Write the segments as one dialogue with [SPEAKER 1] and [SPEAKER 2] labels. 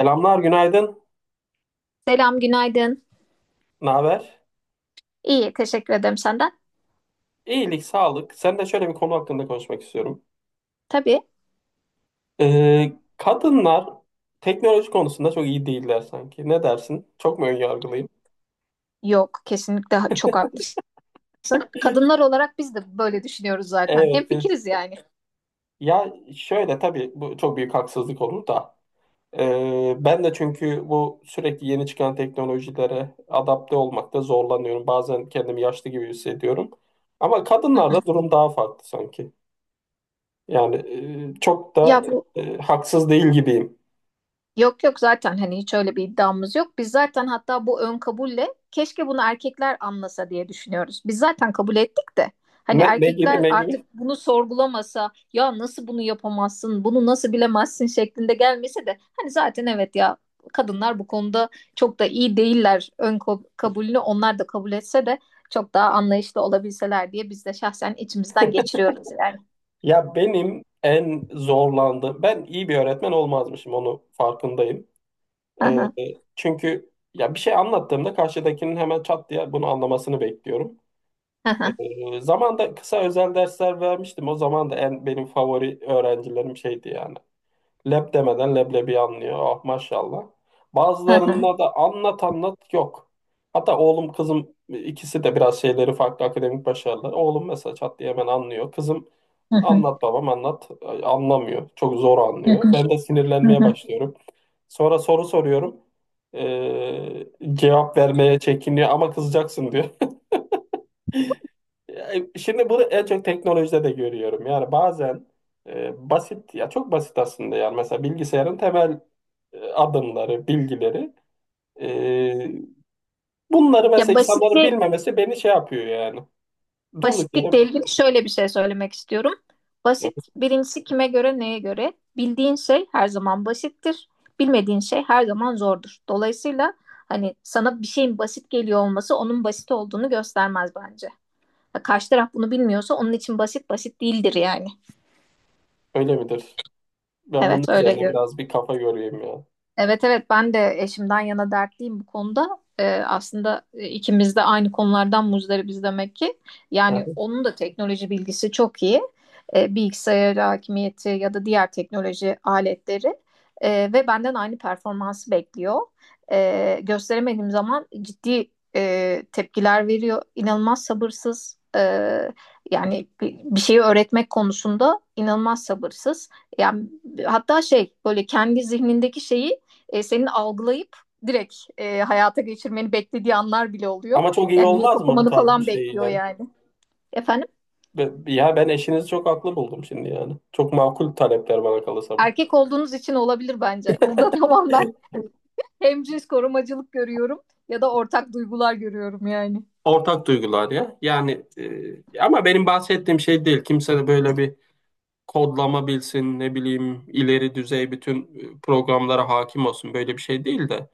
[SPEAKER 1] Selamlar, günaydın.
[SPEAKER 2] Selam, günaydın.
[SPEAKER 1] Ne haber?
[SPEAKER 2] İyi, teşekkür ederim senden.
[SPEAKER 1] İyilik, sağlık. Sen de şöyle bir konu hakkında konuşmak istiyorum.
[SPEAKER 2] Tabii,
[SPEAKER 1] Ee, Kadınlar teknoloji konusunda çok iyi değiller sanki. Ne dersin? Çok mu önyargılıyım?
[SPEAKER 2] yok, kesinlikle çok haklısın. Kadınlar olarak biz de böyle düşünüyoruz zaten.
[SPEAKER 1] Evet.
[SPEAKER 2] Hemfikiriz yani.
[SPEAKER 1] Ya şöyle tabii bu çok büyük haksızlık olur da. Ben de çünkü bu sürekli yeni çıkan teknolojilere adapte olmakta zorlanıyorum. Bazen kendimi yaşlı gibi hissediyorum. Ama
[SPEAKER 2] Hı
[SPEAKER 1] kadınlarda
[SPEAKER 2] hı.
[SPEAKER 1] durum daha farklı sanki. Yani çok da
[SPEAKER 2] Ya bu
[SPEAKER 1] haksız değil gibiyim.
[SPEAKER 2] Yok yok zaten hani hiç öyle bir iddiamız yok. Biz zaten hatta bu ön kabulle keşke bunu erkekler anlasa diye düşünüyoruz. Biz zaten kabul ettik de hani
[SPEAKER 1] Ne gibi
[SPEAKER 2] erkekler
[SPEAKER 1] ne gibi?
[SPEAKER 2] artık bunu sorgulamasa, ya nasıl bunu yapamazsın, bunu nasıl bilemezsin şeklinde gelmese de hani zaten evet ya kadınlar bu konuda çok da iyi değiller ön kabulünü onlar da kabul etse de çok daha anlayışlı olabilseler diye biz de şahsen içimizden geçiriyoruz yani.
[SPEAKER 1] Ya benim en zorlandığım, ben iyi bir öğretmen olmazmışım onu farkındayım.
[SPEAKER 2] Hı
[SPEAKER 1] Ee,
[SPEAKER 2] hı,
[SPEAKER 1] Çünkü ya bir şey anlattığımda karşıdakinin hemen çat diye bunu anlamasını bekliyorum.
[SPEAKER 2] hı hı,
[SPEAKER 1] Zamanda kısa özel dersler vermiştim. O zaman da en benim favori öğrencilerim şeydi yani. Leb demeden leblebi anlıyor. Ah maşallah.
[SPEAKER 2] hı hı,
[SPEAKER 1] Bazılarında da anlat anlat yok. Hatta oğlum kızım ikisi de biraz şeyleri farklı akademik başarılar. Oğlum mesela çat diye hemen anlıyor. Kızım
[SPEAKER 2] hı hı,
[SPEAKER 1] anlat babam anlat, ay, anlamıyor. Çok zor
[SPEAKER 2] hı
[SPEAKER 1] anlıyor.
[SPEAKER 2] hı,
[SPEAKER 1] Ben de
[SPEAKER 2] hı
[SPEAKER 1] sinirlenmeye
[SPEAKER 2] hı.
[SPEAKER 1] başlıyorum. Sonra soru soruyorum. Ee, Cevap vermeye çekiniyor ama kızacaksın diyor. Şimdi bunu en çok teknolojide de görüyorum. Yani bazen basit ya çok basit aslında yani mesela bilgisayarın temel adımları, bilgileri. E, Bunları mesela
[SPEAKER 2] Ya basit
[SPEAKER 1] insanların
[SPEAKER 2] bir
[SPEAKER 1] bilmemesi beni şey yapıyor yani. Durduk yere
[SPEAKER 2] Basitlikle ilgili şöyle bir şey söylemek istiyorum. Basit birincisi kime göre neye göre? Bildiğin şey her zaman basittir. Bilmediğin şey her zaman zordur. Dolayısıyla hani sana bir şeyin basit geliyor olması onun basit olduğunu göstermez bence. Ya karşı taraf bunu bilmiyorsa onun için basit basit değildir yani.
[SPEAKER 1] öyle midir? Ben bunun
[SPEAKER 2] Evet öyle
[SPEAKER 1] üzerine
[SPEAKER 2] diyorum.
[SPEAKER 1] biraz bir kafa göreyim ya.
[SPEAKER 2] Evet evet, ben de eşimden yana dertliyim bu konuda. Aslında ikimiz de aynı konulardan muzdaribiz demek ki.
[SPEAKER 1] Hı
[SPEAKER 2] Yani
[SPEAKER 1] hı.
[SPEAKER 2] onun da teknoloji bilgisi çok iyi. Bilgisayar hakimiyeti ya da diğer teknoloji aletleri. Ve benden aynı performansı bekliyor. Gösteremediğim zaman ciddi tepkiler veriyor. İnanılmaz sabırsız. Yani bir şeyi öğretmek konusunda inanılmaz sabırsız. Yani hatta şey böyle kendi zihnindeki şeyi senin algılayıp direkt hayata geçirmeni beklediği anlar bile oluyor.
[SPEAKER 1] Ama çok iyi
[SPEAKER 2] Yani niyet
[SPEAKER 1] olmaz mı bu
[SPEAKER 2] okumanı
[SPEAKER 1] tarz bir
[SPEAKER 2] falan
[SPEAKER 1] şey
[SPEAKER 2] bekliyor
[SPEAKER 1] yani?
[SPEAKER 2] yani. Efendim?
[SPEAKER 1] Ya ben eşinizi çok haklı buldum şimdi yani. Çok makul talepler bana kalırsa bu.
[SPEAKER 2] Erkek olduğunuz için olabilir bence. Burada tamamen hemcins korumacılık görüyorum ya da ortak duygular görüyorum yani.
[SPEAKER 1] Ortak duygular ya. Yani ama benim bahsettiğim şey değil. Kimse de böyle bir kodlama bilsin, ne bileyim ileri düzey bütün programlara hakim olsun. Böyle bir şey değil de.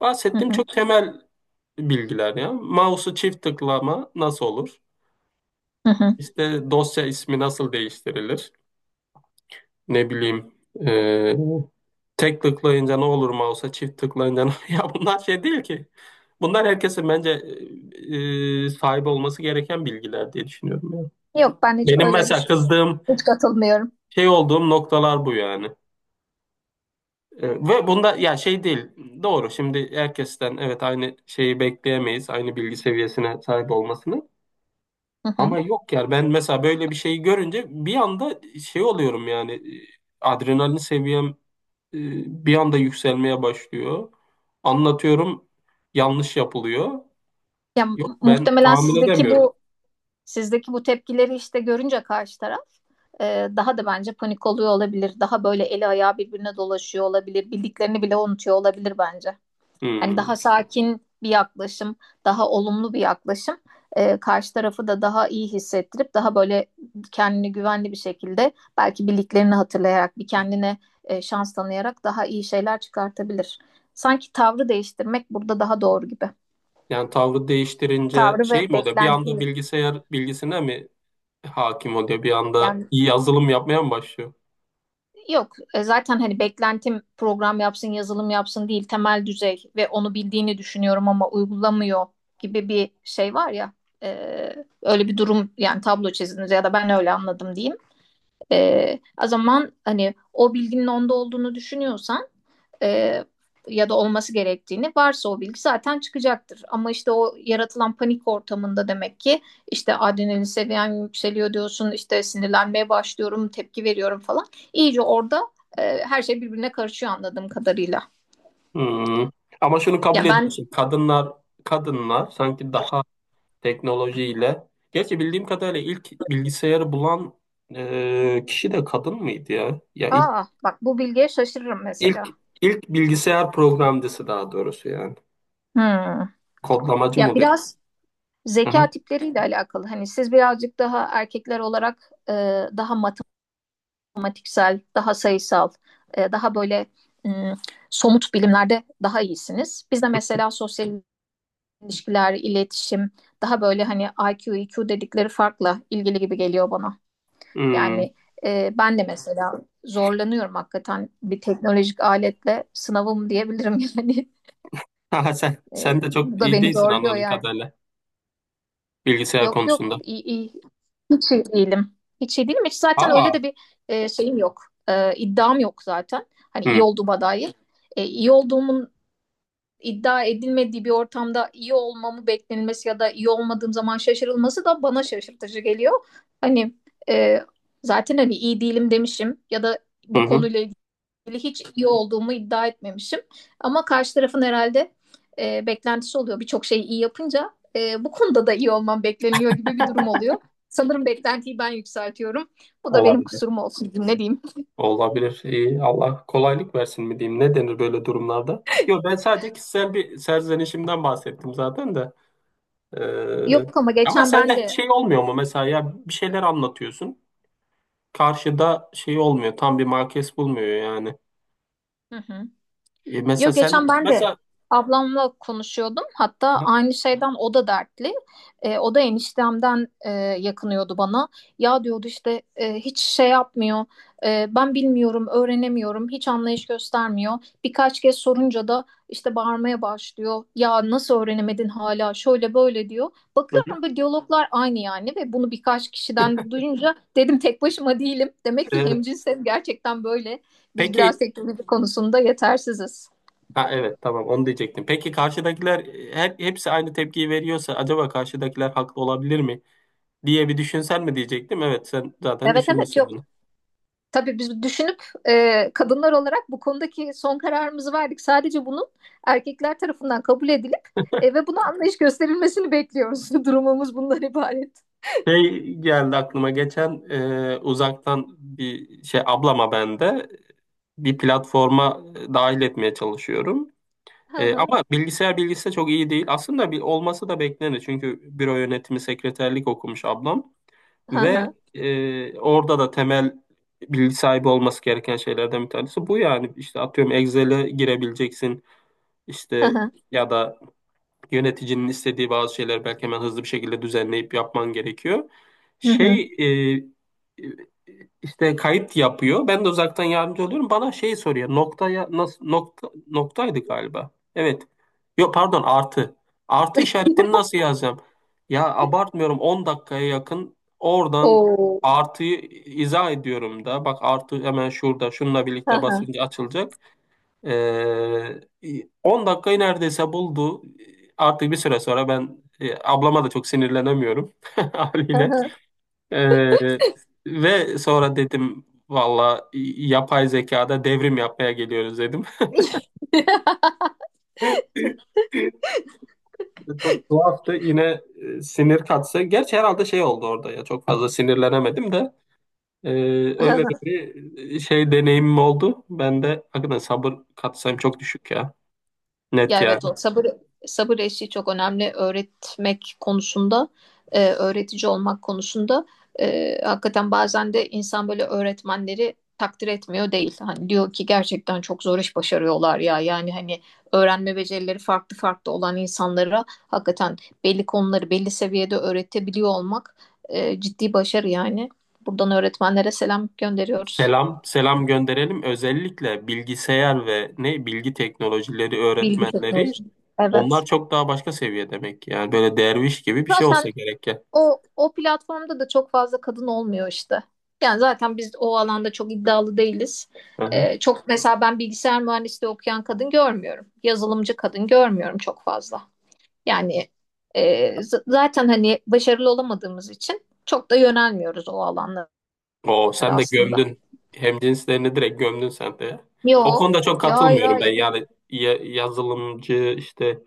[SPEAKER 1] Bahsettiğim çok temel bilgiler ya. Mouse'u çift tıklama nasıl olur? İşte dosya ismi nasıl değiştirilir? Ne bileyim e, tek tıklayınca ne olur mouse'a çift tıklayınca ne ya bunlar şey değil ki. Bunlar herkesin bence sahip olması gereken bilgiler diye düşünüyorum ya.
[SPEAKER 2] Yok, ben hiç
[SPEAKER 1] Benim
[SPEAKER 2] öyle
[SPEAKER 1] mesela
[SPEAKER 2] düşün.
[SPEAKER 1] kızdığım
[SPEAKER 2] Hiç katılmıyorum.
[SPEAKER 1] şey olduğum noktalar bu yani. Ve bunda ya şey değil. Doğru şimdi herkesten evet aynı şeyi bekleyemeyiz. Aynı bilgi seviyesine sahip olmasını. Ama yok ya ben mesela böyle bir şeyi görünce bir anda şey oluyorum yani, e, adrenalin seviyem e, bir anda yükselmeye başlıyor. Anlatıyorum, yanlış yapılıyor.
[SPEAKER 2] Ya,
[SPEAKER 1] Yok ben
[SPEAKER 2] muhtemelen
[SPEAKER 1] tahammül
[SPEAKER 2] sizdeki
[SPEAKER 1] edemiyorum.
[SPEAKER 2] bu sizdeki bu tepkileri işte görünce karşı taraf daha da bence panik oluyor olabilir. Daha böyle eli ayağı birbirine dolaşıyor olabilir. Bildiklerini bile unutuyor olabilir bence. Hani
[SPEAKER 1] Hmm.
[SPEAKER 2] daha sakin bir yaklaşım, daha olumlu bir yaklaşım karşı tarafı da daha iyi hissettirip daha böyle kendini güvenli bir şekilde belki bildiklerini hatırlayarak bir kendine şans tanıyarak daha iyi şeyler çıkartabilir. Sanki tavrı değiştirmek burada daha doğru gibi.
[SPEAKER 1] Yani tavrı değiştirince
[SPEAKER 2] Tavrı ve
[SPEAKER 1] şey mi oluyor? Bir anda
[SPEAKER 2] beklentiyi
[SPEAKER 1] bilgisayar bilgisine mi hakim oluyor? Bir anda
[SPEAKER 2] yani.
[SPEAKER 1] iyi yazılım yapmaya mı başlıyor?
[SPEAKER 2] Yok, zaten hani beklentim program yapsın yazılım yapsın değil, temel düzey ve onu bildiğini düşünüyorum ama uygulamıyor gibi bir şey var ya, e, öyle bir durum yani, tablo çizdiniz ya da ben öyle anladım diyeyim. O zaman hani o bilginin onda olduğunu düşünüyorsan e, ya da olması gerektiğini varsa o bilgi zaten çıkacaktır. Ama işte o yaratılan panik ortamında demek ki, işte adrenalin seviyen yükseliyor diyorsun, işte sinirlenmeye başlıyorum, tepki veriyorum falan. İyice orada her şey birbirine karışıyor anladığım kadarıyla.
[SPEAKER 1] Hmm. Ama şunu
[SPEAKER 2] Ya
[SPEAKER 1] kabul
[SPEAKER 2] ben
[SPEAKER 1] ediyorsun. Kadınlar sanki daha teknolojiyle. Gerçi bildiğim kadarıyla ilk bilgisayarı bulan kişi de kadın mıydı ya? Ya
[SPEAKER 2] aa bak, bu bilgiye şaşırırım
[SPEAKER 1] ilk
[SPEAKER 2] mesela.
[SPEAKER 1] ilk bilgisayar programcısı daha doğrusu yani.
[SPEAKER 2] Hmm.
[SPEAKER 1] Kodlamacı mı
[SPEAKER 2] Ya
[SPEAKER 1] oluyor?
[SPEAKER 2] biraz
[SPEAKER 1] Hı hı.
[SPEAKER 2] zeka tipleriyle alakalı. Hani siz birazcık daha erkekler olarak daha matematiksel, daha sayısal, daha böyle somut bilimlerde daha iyisiniz. Bizde mesela sosyal ilişkiler, iletişim, daha böyle hani IQ, EQ dedikleri farkla ilgili gibi geliyor bana.
[SPEAKER 1] Hmm.
[SPEAKER 2] Yani ben de mesela zorlanıyorum, hakikaten bir teknolojik aletle sınavım diyebilirim yani.
[SPEAKER 1] Haha, Sen de çok
[SPEAKER 2] Bu da
[SPEAKER 1] iyi
[SPEAKER 2] beni
[SPEAKER 1] değilsin
[SPEAKER 2] zorluyor
[SPEAKER 1] anladığım
[SPEAKER 2] yani.
[SPEAKER 1] kadarıyla bilgisayar
[SPEAKER 2] Yok yok,
[SPEAKER 1] konusunda.
[SPEAKER 2] iyi, iyi hiç iyi değilim. Hiç iyi değilim. Hiç zaten
[SPEAKER 1] Aa.
[SPEAKER 2] öyle de bir şeyim yok. İddiam yok zaten. Hani
[SPEAKER 1] Hı
[SPEAKER 2] iyi olduğuma dair. İyi olduğumun iddia edilmediği bir ortamda iyi olmamı beklenilmesi ya da iyi olmadığım zaman şaşırılması da bana şaşırtıcı geliyor. Hani e, zaten hani iyi değilim demişim ya da
[SPEAKER 1] hı.
[SPEAKER 2] bu
[SPEAKER 1] Hı.
[SPEAKER 2] konuyla hiç iyi olduğumu iddia etmemişim. Ama karşı tarafın herhalde beklentisi oluyor. Birçok şeyi iyi yapınca bu konuda da iyi olmam bekleniliyor gibi bir durum oluyor. Sanırım beklentiyi ben yükseltiyorum. Bu da benim
[SPEAKER 1] Olabilir.
[SPEAKER 2] kusurum olsun, ne diyeyim.
[SPEAKER 1] Olabilir. İyi. Allah kolaylık versin mi diyeyim? Ne denir böyle durumlarda? Yok ben sadece kişisel bir serzenişimden bahsettim zaten de. Ee,
[SPEAKER 2] Yok ama
[SPEAKER 1] Ama
[SPEAKER 2] geçen ben
[SPEAKER 1] sende hiç
[SPEAKER 2] de
[SPEAKER 1] şey olmuyor mu mesela, ya bir şeyler anlatıyorsun. Karşıda şey olmuyor. Tam bir markes bulmuyor yani.
[SPEAKER 2] Hı hı.
[SPEAKER 1] E, mesela
[SPEAKER 2] Yo,
[SPEAKER 1] sen
[SPEAKER 2] geçen ben de
[SPEAKER 1] mesela
[SPEAKER 2] ablamla konuşuyordum. Hatta
[SPEAKER 1] aha,
[SPEAKER 2] aynı şeyden o da dertli. O da eniştemden yakınıyordu bana. Ya diyordu işte, hiç şey yapmıyor. Ben bilmiyorum, öğrenemiyorum. Hiç anlayış göstermiyor. Birkaç kez sorunca da işte bağırmaya başlıyor. Ya nasıl öğrenemedin hala? Şöyle böyle diyor.
[SPEAKER 1] hı hı.
[SPEAKER 2] Bakıyorum bu diyaloglar aynı yani, ve bunu birkaç kişiden duyunca dedim tek başıma değilim. Demek ki
[SPEAKER 1] Ee,
[SPEAKER 2] hemcinsel gerçekten böyle. Biz biraz
[SPEAKER 1] peki
[SPEAKER 2] teknoloji konusunda yetersiziz.
[SPEAKER 1] ha evet, tamam, onu diyecektim. Peki karşıdakiler, hepsi aynı tepkiyi veriyorsa acaba karşıdakiler haklı olabilir mi diye bir düşünsen mi diyecektim. Evet sen zaten
[SPEAKER 2] Evet evet,
[SPEAKER 1] düşünmüşsün
[SPEAKER 2] yok.
[SPEAKER 1] bunu.
[SPEAKER 2] Tabii biz düşünüp kadınlar olarak bu konudaki son kararımızı verdik. Sadece bunun erkekler tarafından kabul edilip ve buna anlayış gösterilmesini bekliyoruz. Durumumuz bundan ibaret.
[SPEAKER 1] Şey geldi aklıma geçen, uzaktan bir şey, ablama ben de bir platforma dahil etmeye çalışıyorum.
[SPEAKER 2] Hı hı,
[SPEAKER 1] Ama bilgisayar bilgisi de çok iyi değil. Aslında bir olması da beklenir. Çünkü büro yönetimi sekreterlik okumuş ablam
[SPEAKER 2] hı
[SPEAKER 1] ve
[SPEAKER 2] hı,
[SPEAKER 1] orada da temel bilgi sahibi olması gereken şeylerden bir tanesi bu yani. İşte atıyorum Excel'e girebileceksin.
[SPEAKER 2] hı
[SPEAKER 1] İşte
[SPEAKER 2] hı,
[SPEAKER 1] ya da yöneticinin istediği bazı şeyler belki hemen hızlı bir şekilde düzenleyip yapman gerekiyor.
[SPEAKER 2] hı hı.
[SPEAKER 1] Şey e, işte kayıt yapıyor. Ben de uzaktan yardımcı oluyorum. Bana şey soruyor. Noktaya nasıl, nokta noktaydı galiba. Evet. Yok pardon, artı. Artı işaretini nasıl yazacağım? Ya abartmıyorum, 10 dakikaya yakın oradan
[SPEAKER 2] Oo.
[SPEAKER 1] artıyı izah ediyorum da. Bak artı hemen şurada şununla
[SPEAKER 2] Hı
[SPEAKER 1] birlikte
[SPEAKER 2] hı,
[SPEAKER 1] basınca açılacak. Ee, 10 dakikayı neredeyse buldu. Artık bir süre sonra ben, ablama da çok sinirlenemiyorum
[SPEAKER 2] hı
[SPEAKER 1] haliyle.
[SPEAKER 2] hı.
[SPEAKER 1] Ee, Ve sonra dedim valla, yapay zekada devrim yapmaya geliyoruz dedim. Çok tuhaftı. Yine sinir katsa. Gerçi herhalde şey oldu orada ya. Çok fazla sinirlenemedim de. E, Öyle de bir şey deneyimim oldu. Ben de hakikaten sabır katsayım çok düşük ya. Net
[SPEAKER 2] Ya evet, o sabır eşiği çok önemli öğretmek konusunda, öğretici olmak konusunda. Hakikaten bazen de insan böyle öğretmenleri takdir etmiyor değil. Hani diyor ki gerçekten çok zor iş başarıyorlar ya. Yani hani öğrenme becerileri farklı farklı olan insanlara hakikaten belli konuları belli seviyede öğretebiliyor olmak ciddi başarı yani. Buradan öğretmenlere selam gönderiyoruz.
[SPEAKER 1] Selam, selam gönderelim. Özellikle bilgisayar ve ne bilgi teknolojileri
[SPEAKER 2] Bilgi
[SPEAKER 1] öğretmenleri,
[SPEAKER 2] teknolojisi. Evet.
[SPEAKER 1] onlar çok daha başka seviye demek. Yani böyle derviş gibi bir şey olsa
[SPEAKER 2] Zaten
[SPEAKER 1] gerek ya.
[SPEAKER 2] O platformda da çok fazla kadın olmuyor işte. Yani zaten biz o alanda çok iddialı değiliz.
[SPEAKER 1] Hı hı.
[SPEAKER 2] Çok mesela ben bilgisayar mühendisliği okuyan kadın görmüyorum. Yazılımcı kadın görmüyorum çok fazla. Yani e, zaten hani başarılı olamadığımız için çok da yönelmiyoruz o alanlara
[SPEAKER 1] Oo, sen de
[SPEAKER 2] aslında.
[SPEAKER 1] gömdün. Hemcinslerini direkt gömdün sen de, ya. O
[SPEAKER 2] Yok.
[SPEAKER 1] konuda çok
[SPEAKER 2] Hayır
[SPEAKER 1] katılmıyorum ben.
[SPEAKER 2] hayır.
[SPEAKER 1] Yani yazılımcı işte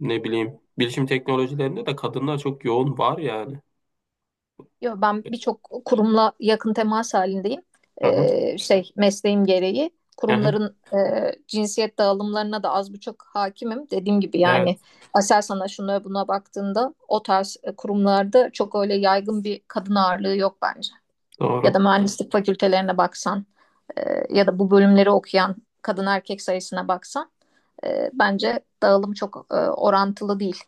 [SPEAKER 1] ne bileyim, bilişim teknolojilerinde de kadınlar çok yoğun var yani.
[SPEAKER 2] Yo, ben birçok kurumla yakın temas halindeyim.
[SPEAKER 1] Hı hı,
[SPEAKER 2] Şey mesleğim gereği
[SPEAKER 1] hı hı.
[SPEAKER 2] kurumların cinsiyet dağılımlarına da az buçuk hakimim. Dediğim gibi
[SPEAKER 1] Evet,
[SPEAKER 2] yani, Aselsan'a şuna buna baktığında o tarz kurumlarda çok öyle yaygın bir kadın ağırlığı yok bence. Ya da
[SPEAKER 1] doğru.
[SPEAKER 2] mühendislik fakültelerine baksan e, ya da bu bölümleri okuyan kadın erkek sayısına baksan bence dağılım çok orantılı değil.